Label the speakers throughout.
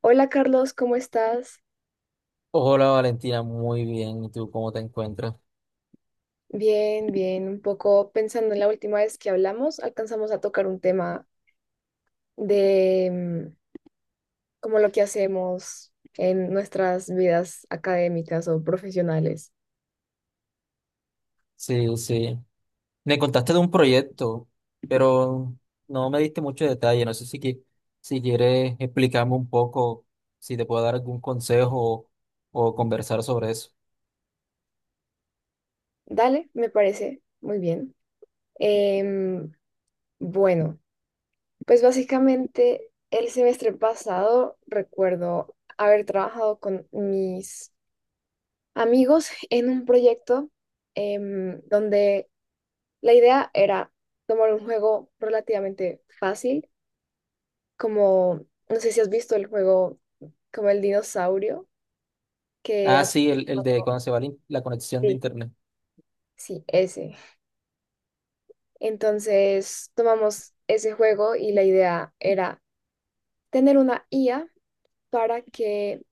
Speaker 1: Hola Carlos, ¿cómo estás?
Speaker 2: Hola Valentina, muy bien. ¿Y tú cómo te encuentras?
Speaker 1: Bien, bien. Un poco pensando en la última vez que hablamos, alcanzamos a tocar un tema de como lo que hacemos en nuestras vidas académicas o profesionales.
Speaker 2: Sí, sí. Me contaste de un proyecto, pero no me diste mucho detalle. No sé si, si quieres explicarme un poco, si te puedo dar algún consejo o conversar sobre eso.
Speaker 1: Dale, me parece muy bien. Em, bueno, pues básicamente el semestre pasado recuerdo haber trabajado con mis amigos en un proyecto donde la idea era tomar un juego relativamente fácil, como, no sé si has visto el juego como el dinosaurio, que...
Speaker 2: Ah,
Speaker 1: ap-
Speaker 2: sí, el de cuando se va la la conexión de
Speaker 1: sí,
Speaker 2: internet.
Speaker 1: sí, ese. Entonces tomamos ese juego y la idea era tener una IA para que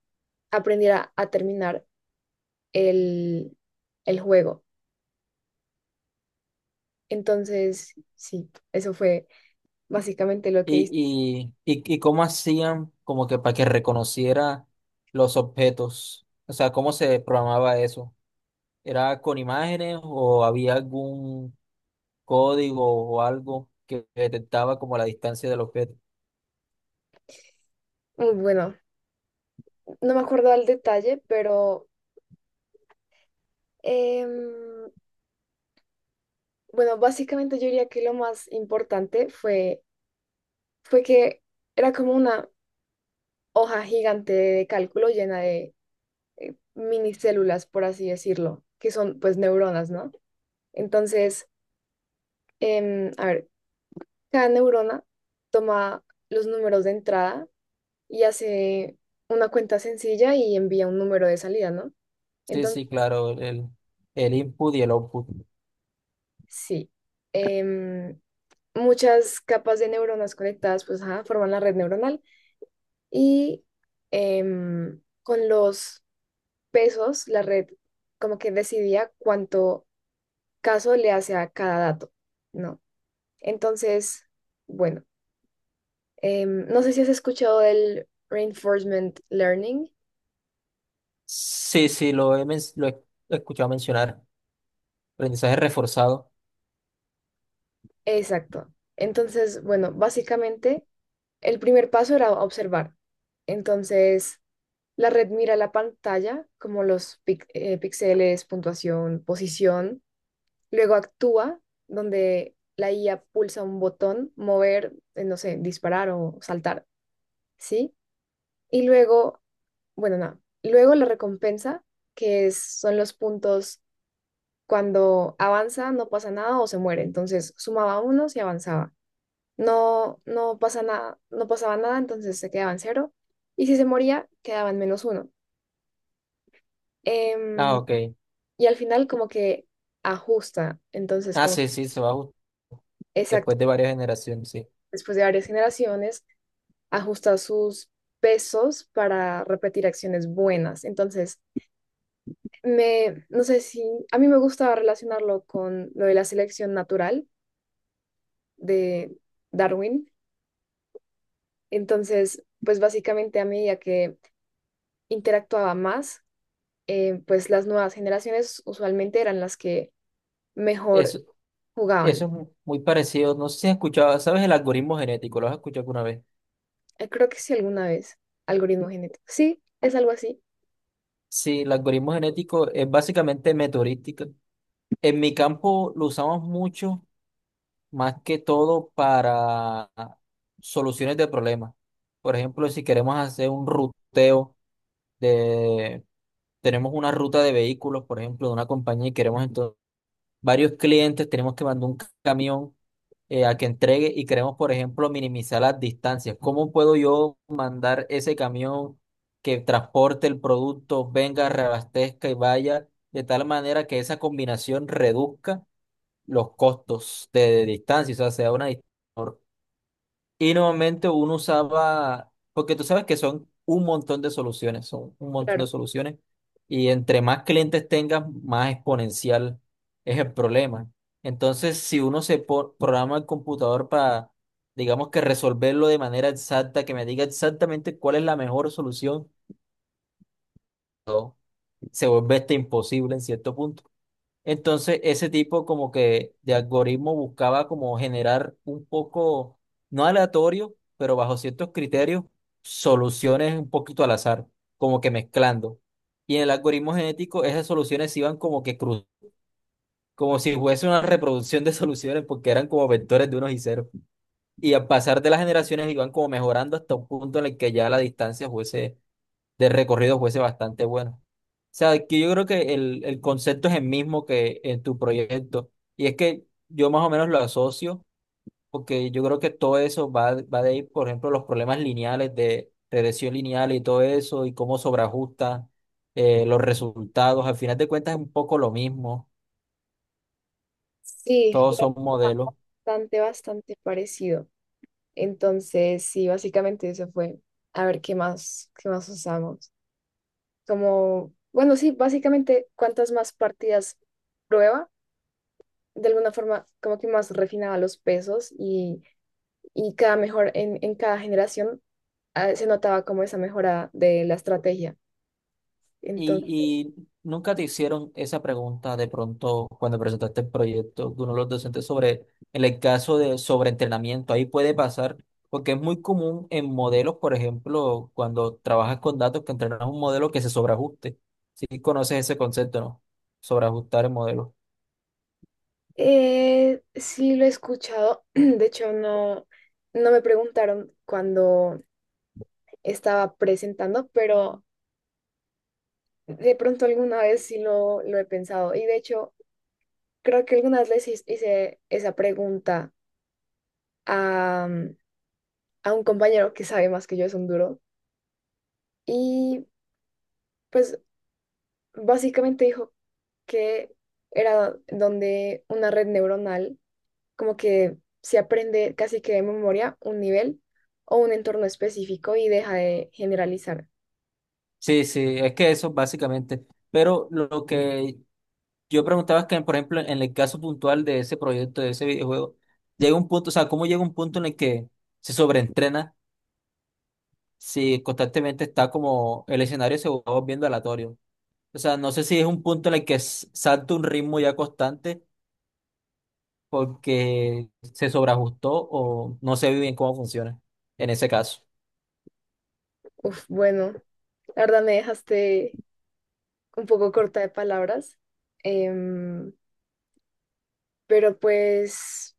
Speaker 1: aprendiera a terminar el, el juego. Entonces, sí, eso fue básicamente lo que
Speaker 2: Y,
Speaker 1: hice.
Speaker 2: y, y, y cómo hacían como que para que reconociera los objetos. O sea, ¿cómo se programaba eso? ¿Era con imágenes o había algún código o algo que detectaba como la distancia del objeto?
Speaker 1: Muy bueno, no me acuerdo al detalle, pero... em, bueno, básicamente yo diría que lo más importante fue que era como una hoja gigante de cálculo llena de minicélulas, por así decirlo, que son pues neuronas, ¿no? Entonces, a ver, cada neurona toma los números de entrada y hace una cuenta sencilla y envía un número de salida, ¿no?
Speaker 2: Sí,
Speaker 1: Entonces,
Speaker 2: sí, claro, el input y el output.
Speaker 1: sí, em, muchas capas de neuronas conectadas pues ajá, forman la red neuronal. Y con los pesos, la red como que decidía cuánto caso le hace a cada dato, ¿no? Entonces, bueno, no sé si has escuchado del reinforcement learning.
Speaker 2: Sí, sí, lo he escuchado mencionar. Aprendizaje reforzado.
Speaker 1: Exacto. Entonces, bueno, básicamente el primer paso era observar. Entonces, la red mira la pantalla como los píxeles, puntuación, posición. Luego actúa, donde la IA pulsa un botón, mover, no sé, disparar o saltar, ¿sí? Y luego, bueno, nada. Luego la recompensa, son los puntos cuando avanza, no pasa nada o se muere. Entonces sumaba unos y avanzaba. No, no pasa nada, no pasaba nada, entonces se quedaba en cero. Y si se moría, quedaba en menos uno.
Speaker 2: Ah,
Speaker 1: Em,
Speaker 2: ok.
Speaker 1: y al final como que ajusta. Entonces,
Speaker 2: Ah,
Speaker 1: como,
Speaker 2: sí, sí,
Speaker 1: exacto,
Speaker 2: después de varias generaciones, sí.
Speaker 1: después de varias generaciones ajustar sus pesos para repetir acciones buenas. Entonces, no sé si, a mí me gusta relacionarlo con lo de la selección natural de Darwin. Entonces, pues básicamente a medida que interactuaba más, pues las nuevas generaciones usualmente eran las que
Speaker 2: Eso,
Speaker 1: mejor
Speaker 2: eso
Speaker 1: jugaban.
Speaker 2: es muy parecido. No sé si has escuchado, ¿sabes el algoritmo genético? ¿Lo has escuchado alguna vez?
Speaker 1: Creo que sí alguna vez, algoritmo genético. Sí, es algo así,
Speaker 2: Sí, el algoritmo genético es básicamente meteorística. En mi campo lo usamos mucho, más que todo para soluciones de problemas. Por ejemplo, si queremos hacer un ruteo de, tenemos una ruta de vehículos, por ejemplo, de una compañía y queremos entonces varios clientes, tenemos que mandar un camión a que entregue y queremos, por ejemplo, minimizar las distancias. ¿Cómo puedo yo mandar ese camión que transporte el producto, venga, reabastezca y vaya de tal manera que esa combinación reduzca los costos de distancia, o sea, sea una distancia y normalmente uno usaba, porque tú sabes que son un montón de soluciones, son un montón de
Speaker 1: claro.
Speaker 2: soluciones. Y entre más clientes tengas, más exponencial es el problema. Entonces, si uno programa el computador para, digamos que resolverlo de manera exacta, que me diga exactamente cuál es la mejor solución, se vuelve este imposible en cierto punto. Entonces, ese tipo como que de algoritmo buscaba como generar un poco, no aleatorio, pero bajo ciertos criterios, soluciones un poquito al azar, como que mezclando. Y en el algoritmo genético, esas soluciones iban como que cruz, como si fuese una reproducción de soluciones, porque eran como vectores de unos y ceros. Y al pasar de las generaciones iban como mejorando hasta un punto en el que ya la distancia fuese de recorrido fuese bastante bueno. O sea, que yo creo que el concepto es el mismo que en tu proyecto. Y es que yo más o menos lo asocio, porque yo creo que todo eso va de ahí, por ejemplo, los problemas lineales de regresión lineal y todo eso, y cómo sobreajusta los resultados. Al final de cuentas es un poco lo mismo.
Speaker 1: Sí,
Speaker 2: Todos son modelos.
Speaker 1: bastante, bastante parecido. Entonces, sí, básicamente eso fue. A ver qué más usamos. Como, bueno, sí, básicamente cuantas más partidas prueba, de alguna forma como que más refinaba los pesos y cada mejor en cada generación ah, se notaba como esa mejora de la estrategia. Entonces,
Speaker 2: Y nunca te hicieron esa pregunta de pronto cuando presentaste el proyecto de uno de los docentes sobre en el caso de sobreentrenamiento? Ahí puede pasar, porque es muy común en modelos, por ejemplo, cuando trabajas con datos, que entrenas un modelo que se sobreajuste. Si conoces ese concepto, ¿no? Sobreajustar el modelo.
Speaker 1: sí lo he escuchado. De hecho, no, no me preguntaron cuando estaba presentando, pero de pronto alguna vez sí lo he pensado. Y de hecho, creo que alguna vez les hice esa pregunta a, a un compañero que sabe más que yo, es un duro, y pues básicamente dijo que era donde una red neuronal como que se aprende casi que de memoria un nivel o un entorno específico y deja de generalizar.
Speaker 2: Sí, sí, es que eso básicamente. Pero lo que yo preguntaba es que, por ejemplo, en el caso puntual de ese proyecto, de ese videojuego, llega un punto, o sea, ¿cómo llega un punto en el que se sobreentrena, si constantemente está como el escenario se va volviendo aleatorio? O sea, no sé si es un punto en el que salta un ritmo ya constante porque se sobreajustó o no se ve bien cómo funciona en ese caso.
Speaker 1: Uf, bueno, la verdad me dejaste un poco corta de palabras, em, pero pues,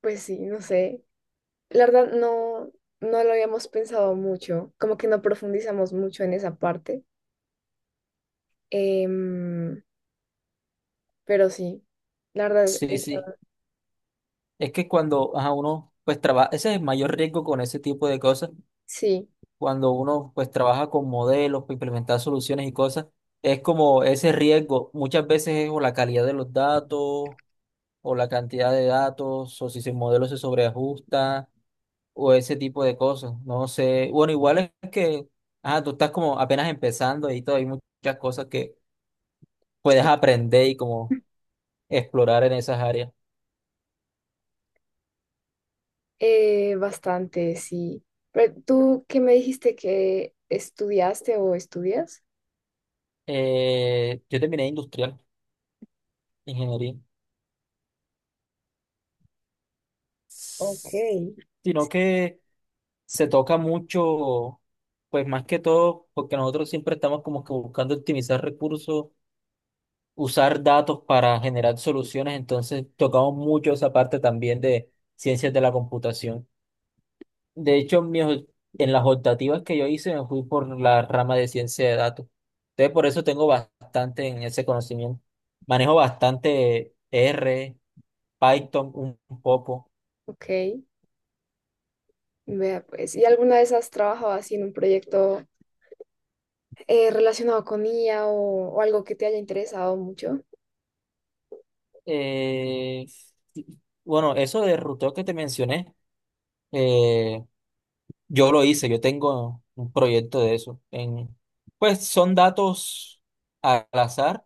Speaker 1: pues sí, no sé. La verdad no, no lo habíamos pensado mucho, como que no profundizamos mucho en esa parte, em, pero sí, la verdad,
Speaker 2: Sí, sí. Es que cuando ajá, uno pues trabaja, ese es el mayor riesgo con ese tipo de cosas,
Speaker 1: sí,
Speaker 2: cuando uno pues trabaja con modelos, para implementar soluciones y cosas, es como ese riesgo, muchas veces es o la calidad de los datos o la cantidad de datos o si el modelo se sobreajusta o ese tipo de cosas. No sé, bueno, igual es que, ah, tú estás como apenas empezando y todo, hay muchas cosas que puedes
Speaker 1: sí,
Speaker 2: aprender y como explorar en esas áreas.
Speaker 1: bastante, sí. Pero tú, ¿qué me dijiste que estudiaste o estudias?
Speaker 2: Yo terminé industrial, ingeniería,
Speaker 1: Ok.
Speaker 2: sino que se toca mucho, pues más que todo, porque nosotros siempre estamos como que buscando optimizar recursos, usar datos para generar soluciones, entonces tocamos mucho esa parte también de ciencias de la computación. De hecho, en las optativas que yo hice me fui por la rama de ciencia de datos. Entonces, por eso tengo bastante en ese conocimiento. Manejo bastante R, Python un poco.
Speaker 1: Ok, vea pues. ¿Y alguna vez has trabajado así en un proyecto relacionado con IA o algo que te haya interesado mucho?
Speaker 2: Eh, bueno, eso de ruteo que te mencioné, eh, yo lo hice, yo tengo un proyecto de eso. En, pues son datos al azar,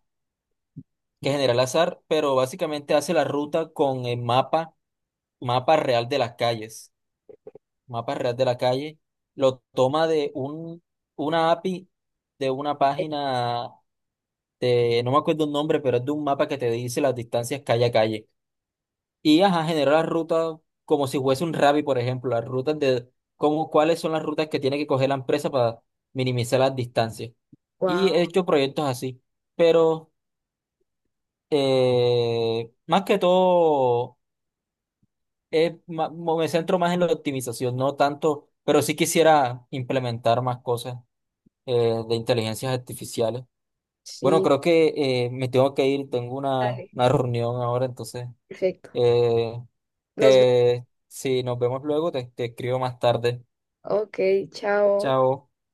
Speaker 2: que genera el azar, pero básicamente hace la ruta con el mapa, mapa real de las calles. Mapa Real de la Calle, lo toma de un, una API de una página de, no me acuerdo el nombre, pero es de un mapa que te dice las distancias calle a calle. Y ajá, genera las rutas como si fuese un Ravi, por ejemplo, las rutas de cómo, cuáles son las rutas que tiene que coger la empresa para minimizar las distancias. Y
Speaker 1: Wow,
Speaker 2: he hecho proyectos así, pero más que todo es me centro más en la optimización, no tanto, pero sí quisiera implementar más cosas de inteligencias artificiales. Bueno,
Speaker 1: sí,
Speaker 2: creo que me tengo que ir, tengo
Speaker 1: dale,
Speaker 2: una reunión ahora, entonces,
Speaker 1: perfecto.
Speaker 2: eh,
Speaker 1: Nos vemos.
Speaker 2: te, si nos vemos luego, te escribo más tarde.
Speaker 1: Ok, chao.
Speaker 2: Chao.